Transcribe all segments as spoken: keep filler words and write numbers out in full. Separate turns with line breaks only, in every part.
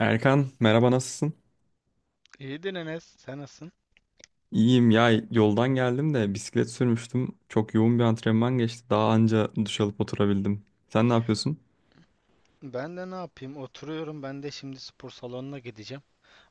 Erkan merhaba, nasılsın?
İyidir Enes, sen nasılsın?
İyiyim ya, yoldan geldim de bisiklet sürmüştüm. Çok yoğun bir antrenman geçti. Daha anca duş alıp oturabildim. Sen ne yapıyorsun?
Ben de ne yapayım? Oturuyorum. Ben de şimdi spor salonuna gideceğim.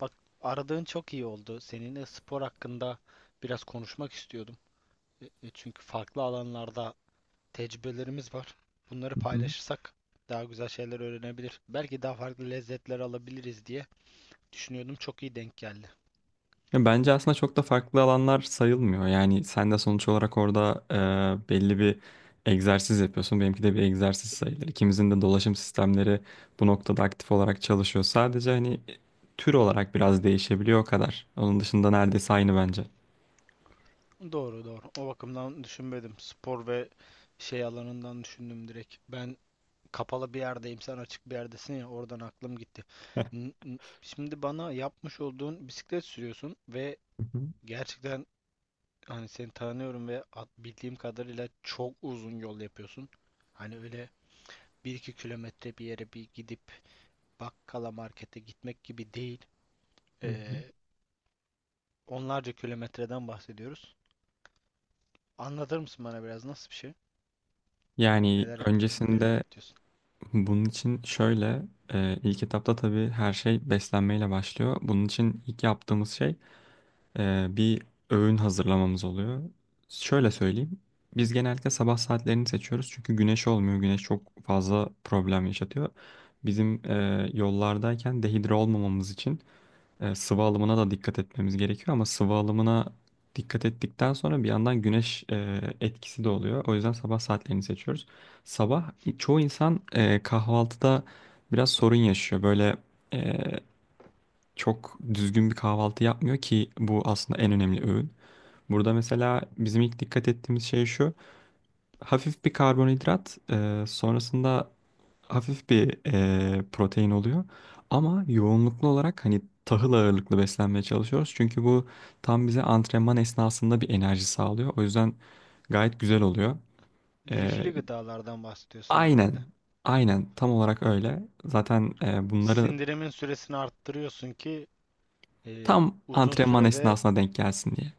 Bak, aradığın çok iyi oldu. Seninle spor hakkında biraz konuşmak istiyordum. E, e, Çünkü farklı alanlarda tecrübelerimiz var. Bunları
Hı hı.
paylaşırsak daha güzel şeyler öğrenebilir, belki daha farklı lezzetler alabiliriz diye düşünüyordum. Çok iyi denk geldi.
Ya bence aslında çok da farklı alanlar sayılmıyor. Yani sen de sonuç olarak orada e, belli bir egzersiz yapıyorsun. Benimki de bir egzersiz sayılır. İkimizin de dolaşım sistemleri bu noktada aktif olarak çalışıyor. Sadece hani tür olarak biraz değişebiliyor o kadar. Onun dışında neredeyse aynı bence.
Doğru doğru, o bakımdan düşünmedim. Spor ve şey alanından düşündüm direkt. Ben kapalı bir yerdeyim, sen açık bir yerdesin, ya oradan aklım gitti.
Hı
N- n- Şimdi bana yapmış olduğun bisiklet sürüyorsun ve
hı,
gerçekten hani seni tanıyorum ve at- bildiğim kadarıyla çok uzun yol yapıyorsun. Hani öyle bir iki kilometre bir yere bir gidip bakkala markete gitmek gibi değil.
hı hı.
Ee, onlarca kilometreden bahsediyoruz. Anlatır mısın bana biraz, nasıl bir şey?
Yani
Neler yapıyorsun? Nerelere
öncesinde
gidiyorsun?
bunun için şöyle, e, ilk etapta tabii her şey beslenmeyle başlıyor. Bunun için ilk yaptığımız şey e, bir öğün hazırlamamız oluyor. Şöyle söyleyeyim, biz genellikle sabah saatlerini seçiyoruz çünkü güneş olmuyor. Güneş çok fazla problem yaşatıyor. Bizim e, yollardayken dehidre olmamamız için e, sıvı alımına da dikkat etmemiz gerekiyor, ama sıvı alımına dikkat ettikten sonra bir yandan güneş e, etkisi de oluyor. O yüzden sabah saatlerini seçiyoruz. Sabah i- çoğu insan e, kahvaltıda biraz sorun yaşıyor. Böyle e, çok düzgün bir kahvaltı yapmıyor ki bu aslında en önemli öğün. Burada mesela bizim ilk dikkat ettiğimiz şey şu. Hafif bir karbonhidrat, e, sonrasında hafif bir eee, protein oluyor. Ama yoğunluklu olarak hani tahıl ağırlıklı beslenmeye çalışıyoruz. Çünkü bu tam bize antrenman esnasında bir enerji sağlıyor. O yüzden gayet güzel oluyor. Eee,
Lifli gıdalardan bahsediyorsun herhalde.
aynen, aynen tam olarak öyle. Zaten eee, bunları
Sindirimin süresini arttırıyorsun ki Ee,
tam
uzun
antrenman
sürede
esnasına denk gelsin diye.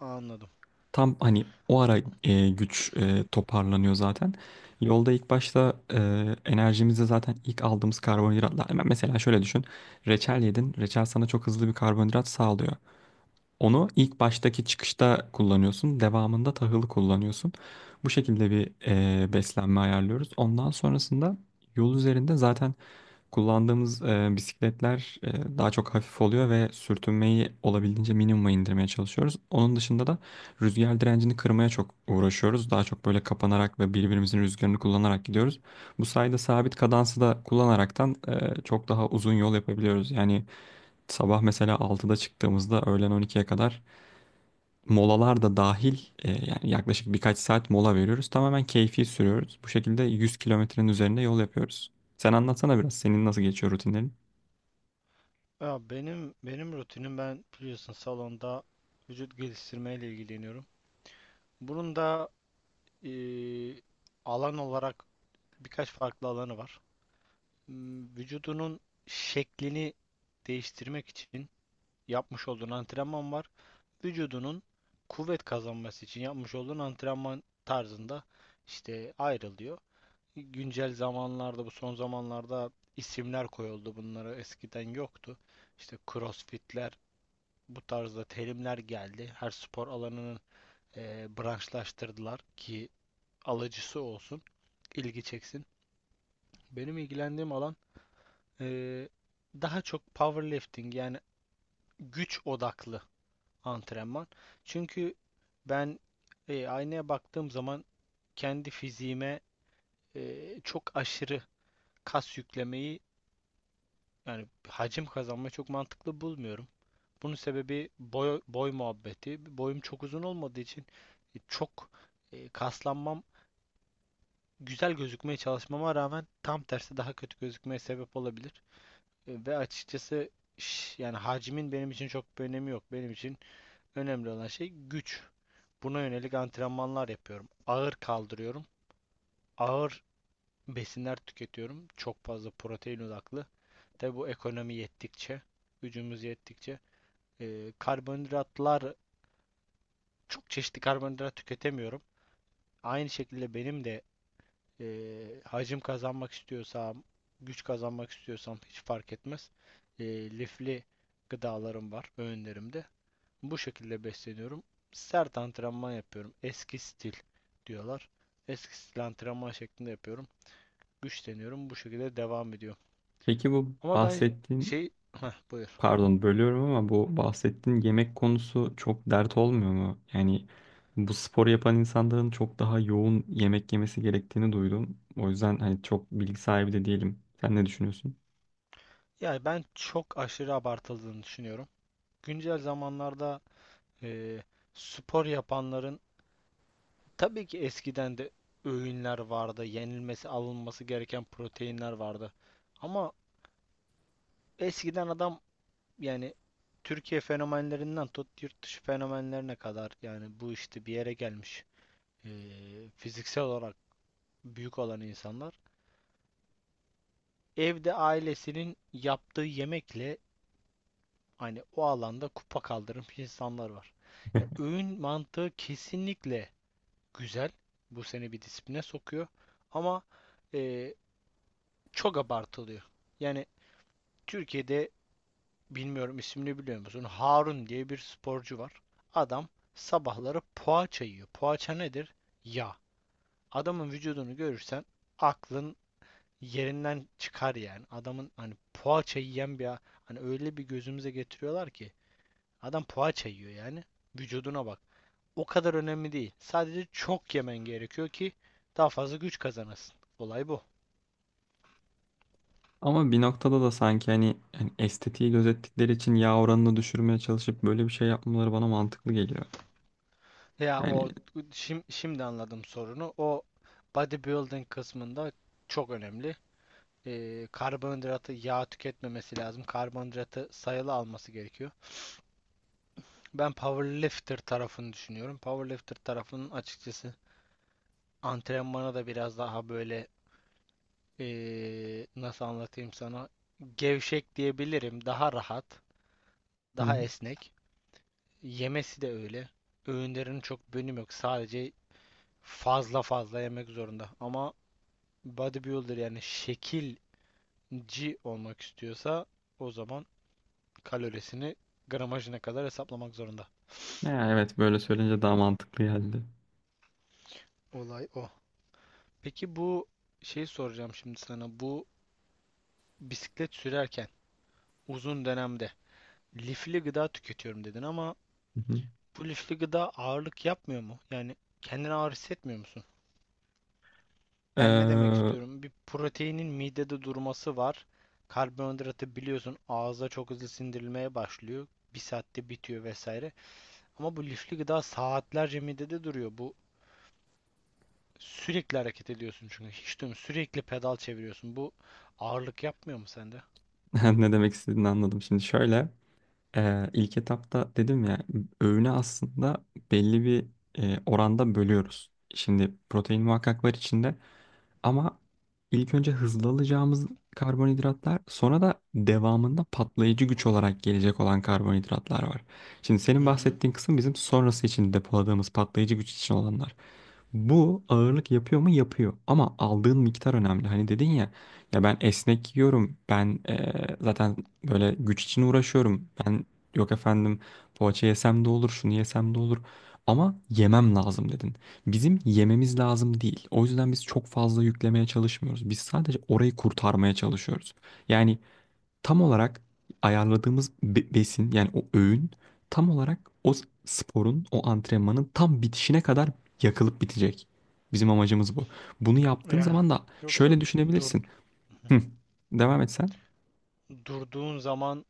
anladım.
Tam hani o ara e, güç e, toparlanıyor zaten. Yolda ilk başta e, enerjimizi zaten ilk aldığımız karbonhidratlar. Hemen mesela şöyle düşün. Reçel yedin. Reçel sana çok hızlı bir karbonhidrat sağlıyor. Onu ilk baştaki çıkışta kullanıyorsun. Devamında tahılı kullanıyorsun. Bu şekilde bir e, beslenme ayarlıyoruz. Ondan sonrasında yol üzerinde zaten kullandığımız e, bisikletler e, daha çok hafif oluyor ve sürtünmeyi olabildiğince minimuma indirmeye çalışıyoruz. Onun dışında da rüzgar direncini kırmaya çok uğraşıyoruz. Daha çok böyle kapanarak ve birbirimizin rüzgarını kullanarak gidiyoruz. Bu sayede sabit kadansı da kullanaraktan e, çok daha uzun yol yapabiliyoruz. Yani sabah mesela altıda çıktığımızda öğlen on ikiye kadar, molalar da dahil e, yani yaklaşık birkaç saat mola veriyoruz. Tamamen keyfi sürüyoruz. Bu şekilde yüz kilometrenin üzerinde yol yapıyoruz. Sen anlatsana biraz, senin nasıl geçiyor rutinlerin?
Ya benim benim rutinim, ben biliyorsun salonda vücut geliştirmeyle ilgileniyorum. Bunun da ee, alan olarak birkaç farklı alanı var. Hmm, Vücudunun şeklini değiştirmek için yapmış olduğun antrenman var. Vücudunun kuvvet kazanması için yapmış olduğun antrenman tarzında işte ayrılıyor. Güncel zamanlarda, bu son zamanlarda isimler koyuldu bunlara, eskiden yoktu. İşte crossfitler, bu tarzda terimler geldi. Her spor alanının eee, branşlaştırdılar ki alıcısı olsun, ilgi çeksin. Benim ilgilendiğim alan eee, daha çok powerlifting, yani güç odaklı antrenman. Çünkü ben eee, aynaya baktığım zaman kendi fiziğime eee, çok aşırı kas yüklemeyi, yani hacim kazanmayı çok mantıklı bulmuyorum. Bunun sebebi boy, boy muhabbeti. Boyum çok uzun olmadığı için e, çok e, kaslanmam, güzel gözükmeye çalışmama rağmen tam tersi daha kötü gözükmeye sebep olabilir. E, ve açıkçası ş- yani hacimin benim için çok bir önemi yok. Benim için önemli olan şey güç. Buna yönelik antrenmanlar yapıyorum. Ağır kaldırıyorum. Ağır besinler tüketiyorum. Çok fazla protein odaklı. Tabi bu ekonomi yettikçe, gücümüz yettikçe. Ee, karbonhidratlar, çok çeşitli karbonhidrat tüketemiyorum. Aynı şekilde benim de e, hacim kazanmak istiyorsam, güç kazanmak istiyorsam hiç fark etmez. E, lifli gıdalarım var öğünlerimde. Bu şekilde besleniyorum. Sert antrenman yapıyorum. Eski stil diyorlar. Eski stil antrenman şeklinde yapıyorum. Güçleniyorum. Bu şekilde devam ediyorum.
Peki bu
Ama ben
bahsettiğin,
şey, heh, buyur.
pardon bölüyorum ama bu bahsettiğin yemek konusu çok dert olmuyor mu? Yani bu spor yapan insanların çok daha yoğun yemek yemesi gerektiğini duydum. O yüzden hani çok bilgi sahibi de değilim. Sen ne düşünüyorsun?
Yani ben çok aşırı abartıldığını düşünüyorum. Güncel zamanlarda Ee, spor yapanların, tabii ki eskiden de öğünler vardı, yenilmesi, alınması gereken proteinler vardı. Ama eskiden adam, yani Türkiye fenomenlerinden tut yurt dışı fenomenlerine kadar, yani bu işte bir yere gelmiş ee, fiziksel olarak büyük olan insanlar, evde ailesinin yaptığı yemekle hani o alanda kupa kaldırmış insanlar var. Ya öğün mantığı kesinlikle güzel. Bu seni bir disipline sokuyor. Ama e, çok abartılıyor. Yani Türkiye'de, bilmiyorum ismini biliyor musun, Harun diye bir sporcu var. Adam sabahları poğaça yiyor. Poğaça nedir? Yağ. Adamın vücudunu görürsen aklın yerinden çıkar yani. Adamın hani poğaça yiyen bir, hani öyle bir gözümüze getiriyorlar ki adam poğaça yiyor yani. Vücuduna bak, o kadar önemli değil. Sadece çok yemen gerekiyor ki daha fazla güç kazanasın. Olay bu.
Ama bir noktada da sanki hani, hani estetiği gözettikleri için yağ oranını düşürmeye çalışıp böyle bir şey yapmaları bana mantıklı geliyor.
Ya
Yani
o, şim- şimdi anladım sorunu. O bodybuilding kısmında çok önemli. Ee, karbonhidratı yağ tüketmemesi lazım. Karbonhidratı sayılı alması gerekiyor. Ben powerlifter tarafını düşünüyorum. Powerlifter tarafının açıkçası antrenmana da biraz daha böyle ee, nasıl anlatayım sana, gevşek diyebilirim. Daha rahat,
hı.
daha esnek. Yemesi de öyle. Öğünlerin çok bölüm yok. Sadece fazla fazla yemek zorunda. Ama bodybuilder, yani şekilci olmak istiyorsa o zaman kalorisini gramajına kadar hesaplamak zorunda.
Ya evet, böyle söyleyince daha mantıklı geldi.
Olay o. Peki bu, şey soracağım şimdi sana. Bu bisiklet sürerken uzun dönemde lifli gıda tüketiyorum dedin ama
Hı hı.
bu lifli gıda ağırlık yapmıyor mu? Yani kendini ağır hissetmiyor musun? Yani ne demek
Ee,
istiyorum? Bir proteinin midede durması var. Karbonhidratı biliyorsun ağızda çok hızlı sindirilmeye başlıyor. Bir saatte bitiyor vesaire. Ama bu lifli gıda saatlerce midede duruyor. Bu sürekli hareket ediyorsun çünkü. Hiç durmuyor. Sürekli pedal çeviriyorsun. Bu ağırlık yapmıyor mu sende?
ne demek istediğini anladım. Şimdi şöyle. Ee, ilk etapta dedim ya, öğüne aslında belli bir e, oranda bölüyoruz. Şimdi protein muhakkak var içinde, ama ilk önce hızlı alacağımız karbonhidratlar, sonra da devamında patlayıcı güç olarak gelecek olan karbonhidratlar var. Şimdi senin
Hı hı.
bahsettiğin kısım bizim sonrası için depoladığımız patlayıcı güç için olanlar. Bu ağırlık yapıyor mu? Yapıyor. Ama aldığın miktar önemli. Hani dedin ya, ya ben esnek yiyorum. Ben eee, zaten böyle güç için uğraşıyorum. Ben yok efendim, poğaça yesem de olur, şunu yesem de olur. Ama yemem lazım dedin. Bizim yememiz lazım değil. O yüzden biz çok fazla yüklemeye çalışmıyoruz. Biz sadece orayı kurtarmaya çalışıyoruz. Yani tam olarak ayarladığımız be- besin, yani o öğün tam olarak o s- sporun, o antrenmanın tam bitişine kadar yakılıp bitecek. Bizim amacımız bu. Bunu yaptığın
Yani.
zaman da
Yoksa
şöyle
dur,
düşünebilirsin. Hı, devam et sen.
durduğun zaman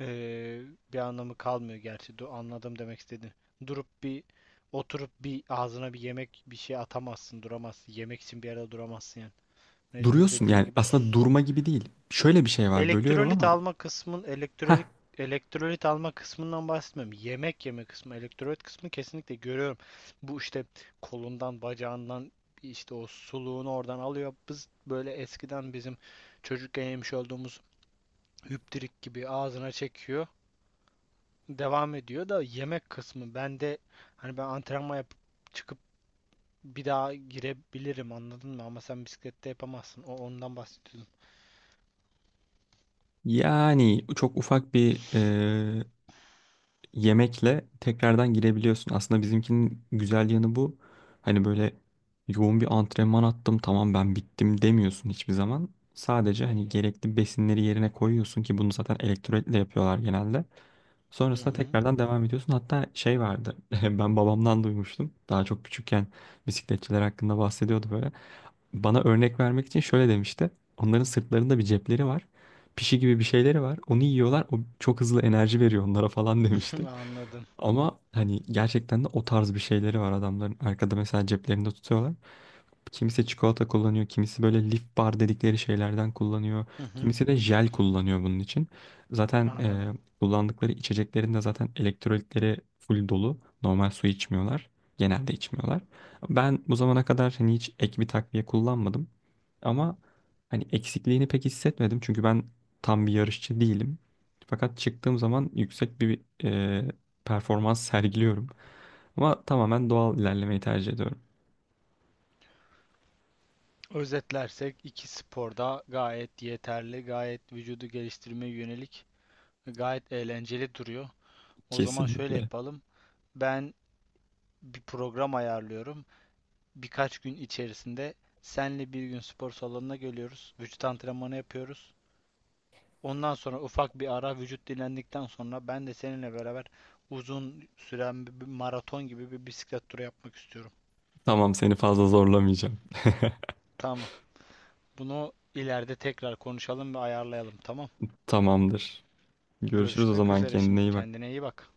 Ee, bir anlamı kalmıyor gerçi. Du- anladım demek istediğini. Durup bir, oturup bir ağzına bir yemek bir şey atamazsın, duramazsın. Yemek için bir arada duramazsın yani. Mecbur
Duruyorsun
dediğin
yani,
gibi
aslında
s-
durma gibi değil. Şöyle bir şey var, bölüyorum
elektrolit
ama.
alma kısmın,
Heh,
elektrolit elektrolit alma kısmından bahsetmiyorum. Yemek yeme kısmı, elektrolit kısmı kesinlikle görüyorum. Bu işte kolundan, bacağından, işte o suluğunu oradan alıyor. Biz böyle eskiden, bizim çocukken yemiş olduğumuz hüptirik gibi ağzına çekiyor, devam ediyor. Da yemek kısmı bende, hani ben antrenman yapıp çıkıp bir daha girebilirim, anladın mı? Ama sen bisiklette yapamazsın. O, ondan bahsediyordum.
yani çok ufak bir yemekle tekrardan girebiliyorsun. Aslında bizimkinin güzel yanı bu. Hani böyle yoğun bir antrenman attım, tamam ben bittim demiyorsun hiçbir zaman. Sadece hani gerekli besinleri yerine koyuyorsun ki bunu zaten elektrolitle yapıyorlar genelde.
Hı
Sonrasında
hı.
tekrardan devam ediyorsun. Hatta şey vardı, ben babamdan duymuştum. Daha çok küçükken bisikletçiler hakkında bahsediyordu böyle. Bana örnek vermek için şöyle demişti. Onların sırtlarında bir cepleri var. Pişi gibi bir şeyleri var. Onu yiyorlar. O çok hızlı enerji veriyor onlara falan demişti.
Anladım.
Ama hani gerçekten de o tarz bir şeyleri var adamların. Arkada mesela ceplerinde tutuyorlar. Kimisi çikolata kullanıyor, kimisi böyle lif bar dedikleri şeylerden kullanıyor.
Hı hı.
Kimisi de jel kullanıyor bunun için. Zaten
Anladım.
e, kullandıkları içeceklerin de zaten elektrolitleri full dolu. Normal su içmiyorlar. Genelde içmiyorlar. Ben bu zamana kadar hani hiç ek bir takviye kullanmadım. Ama hani eksikliğini pek hissetmedim. Çünkü ben tam bir yarışçı değilim. Fakat çıktığım zaman yüksek bir e, performans sergiliyorum. Ama tamamen doğal ilerlemeyi tercih ediyorum.
Özetlersek iki sporda gayet yeterli, gayet vücudu geliştirmeye yönelik, gayet eğlenceli duruyor. O zaman şöyle
Kesinlikle.
yapalım. Ben bir program ayarlıyorum. Birkaç gün içerisinde senle bir gün spor salonuna geliyoruz. Vücut antrenmanı yapıyoruz. Ondan sonra ufak bir ara, vücut dinlendikten sonra ben de seninle beraber uzun süren bir, bir maraton gibi bir bisiklet turu yapmak istiyorum.
Tamam, seni fazla zorlamayacağım.
Tamam. Bunu ileride tekrar konuşalım ve ayarlayalım. Tamam.
Tamamdır. Görüşürüz o
Görüşmek
zaman,
üzere
kendine
şimdi.
iyi bak.
Kendine iyi bak.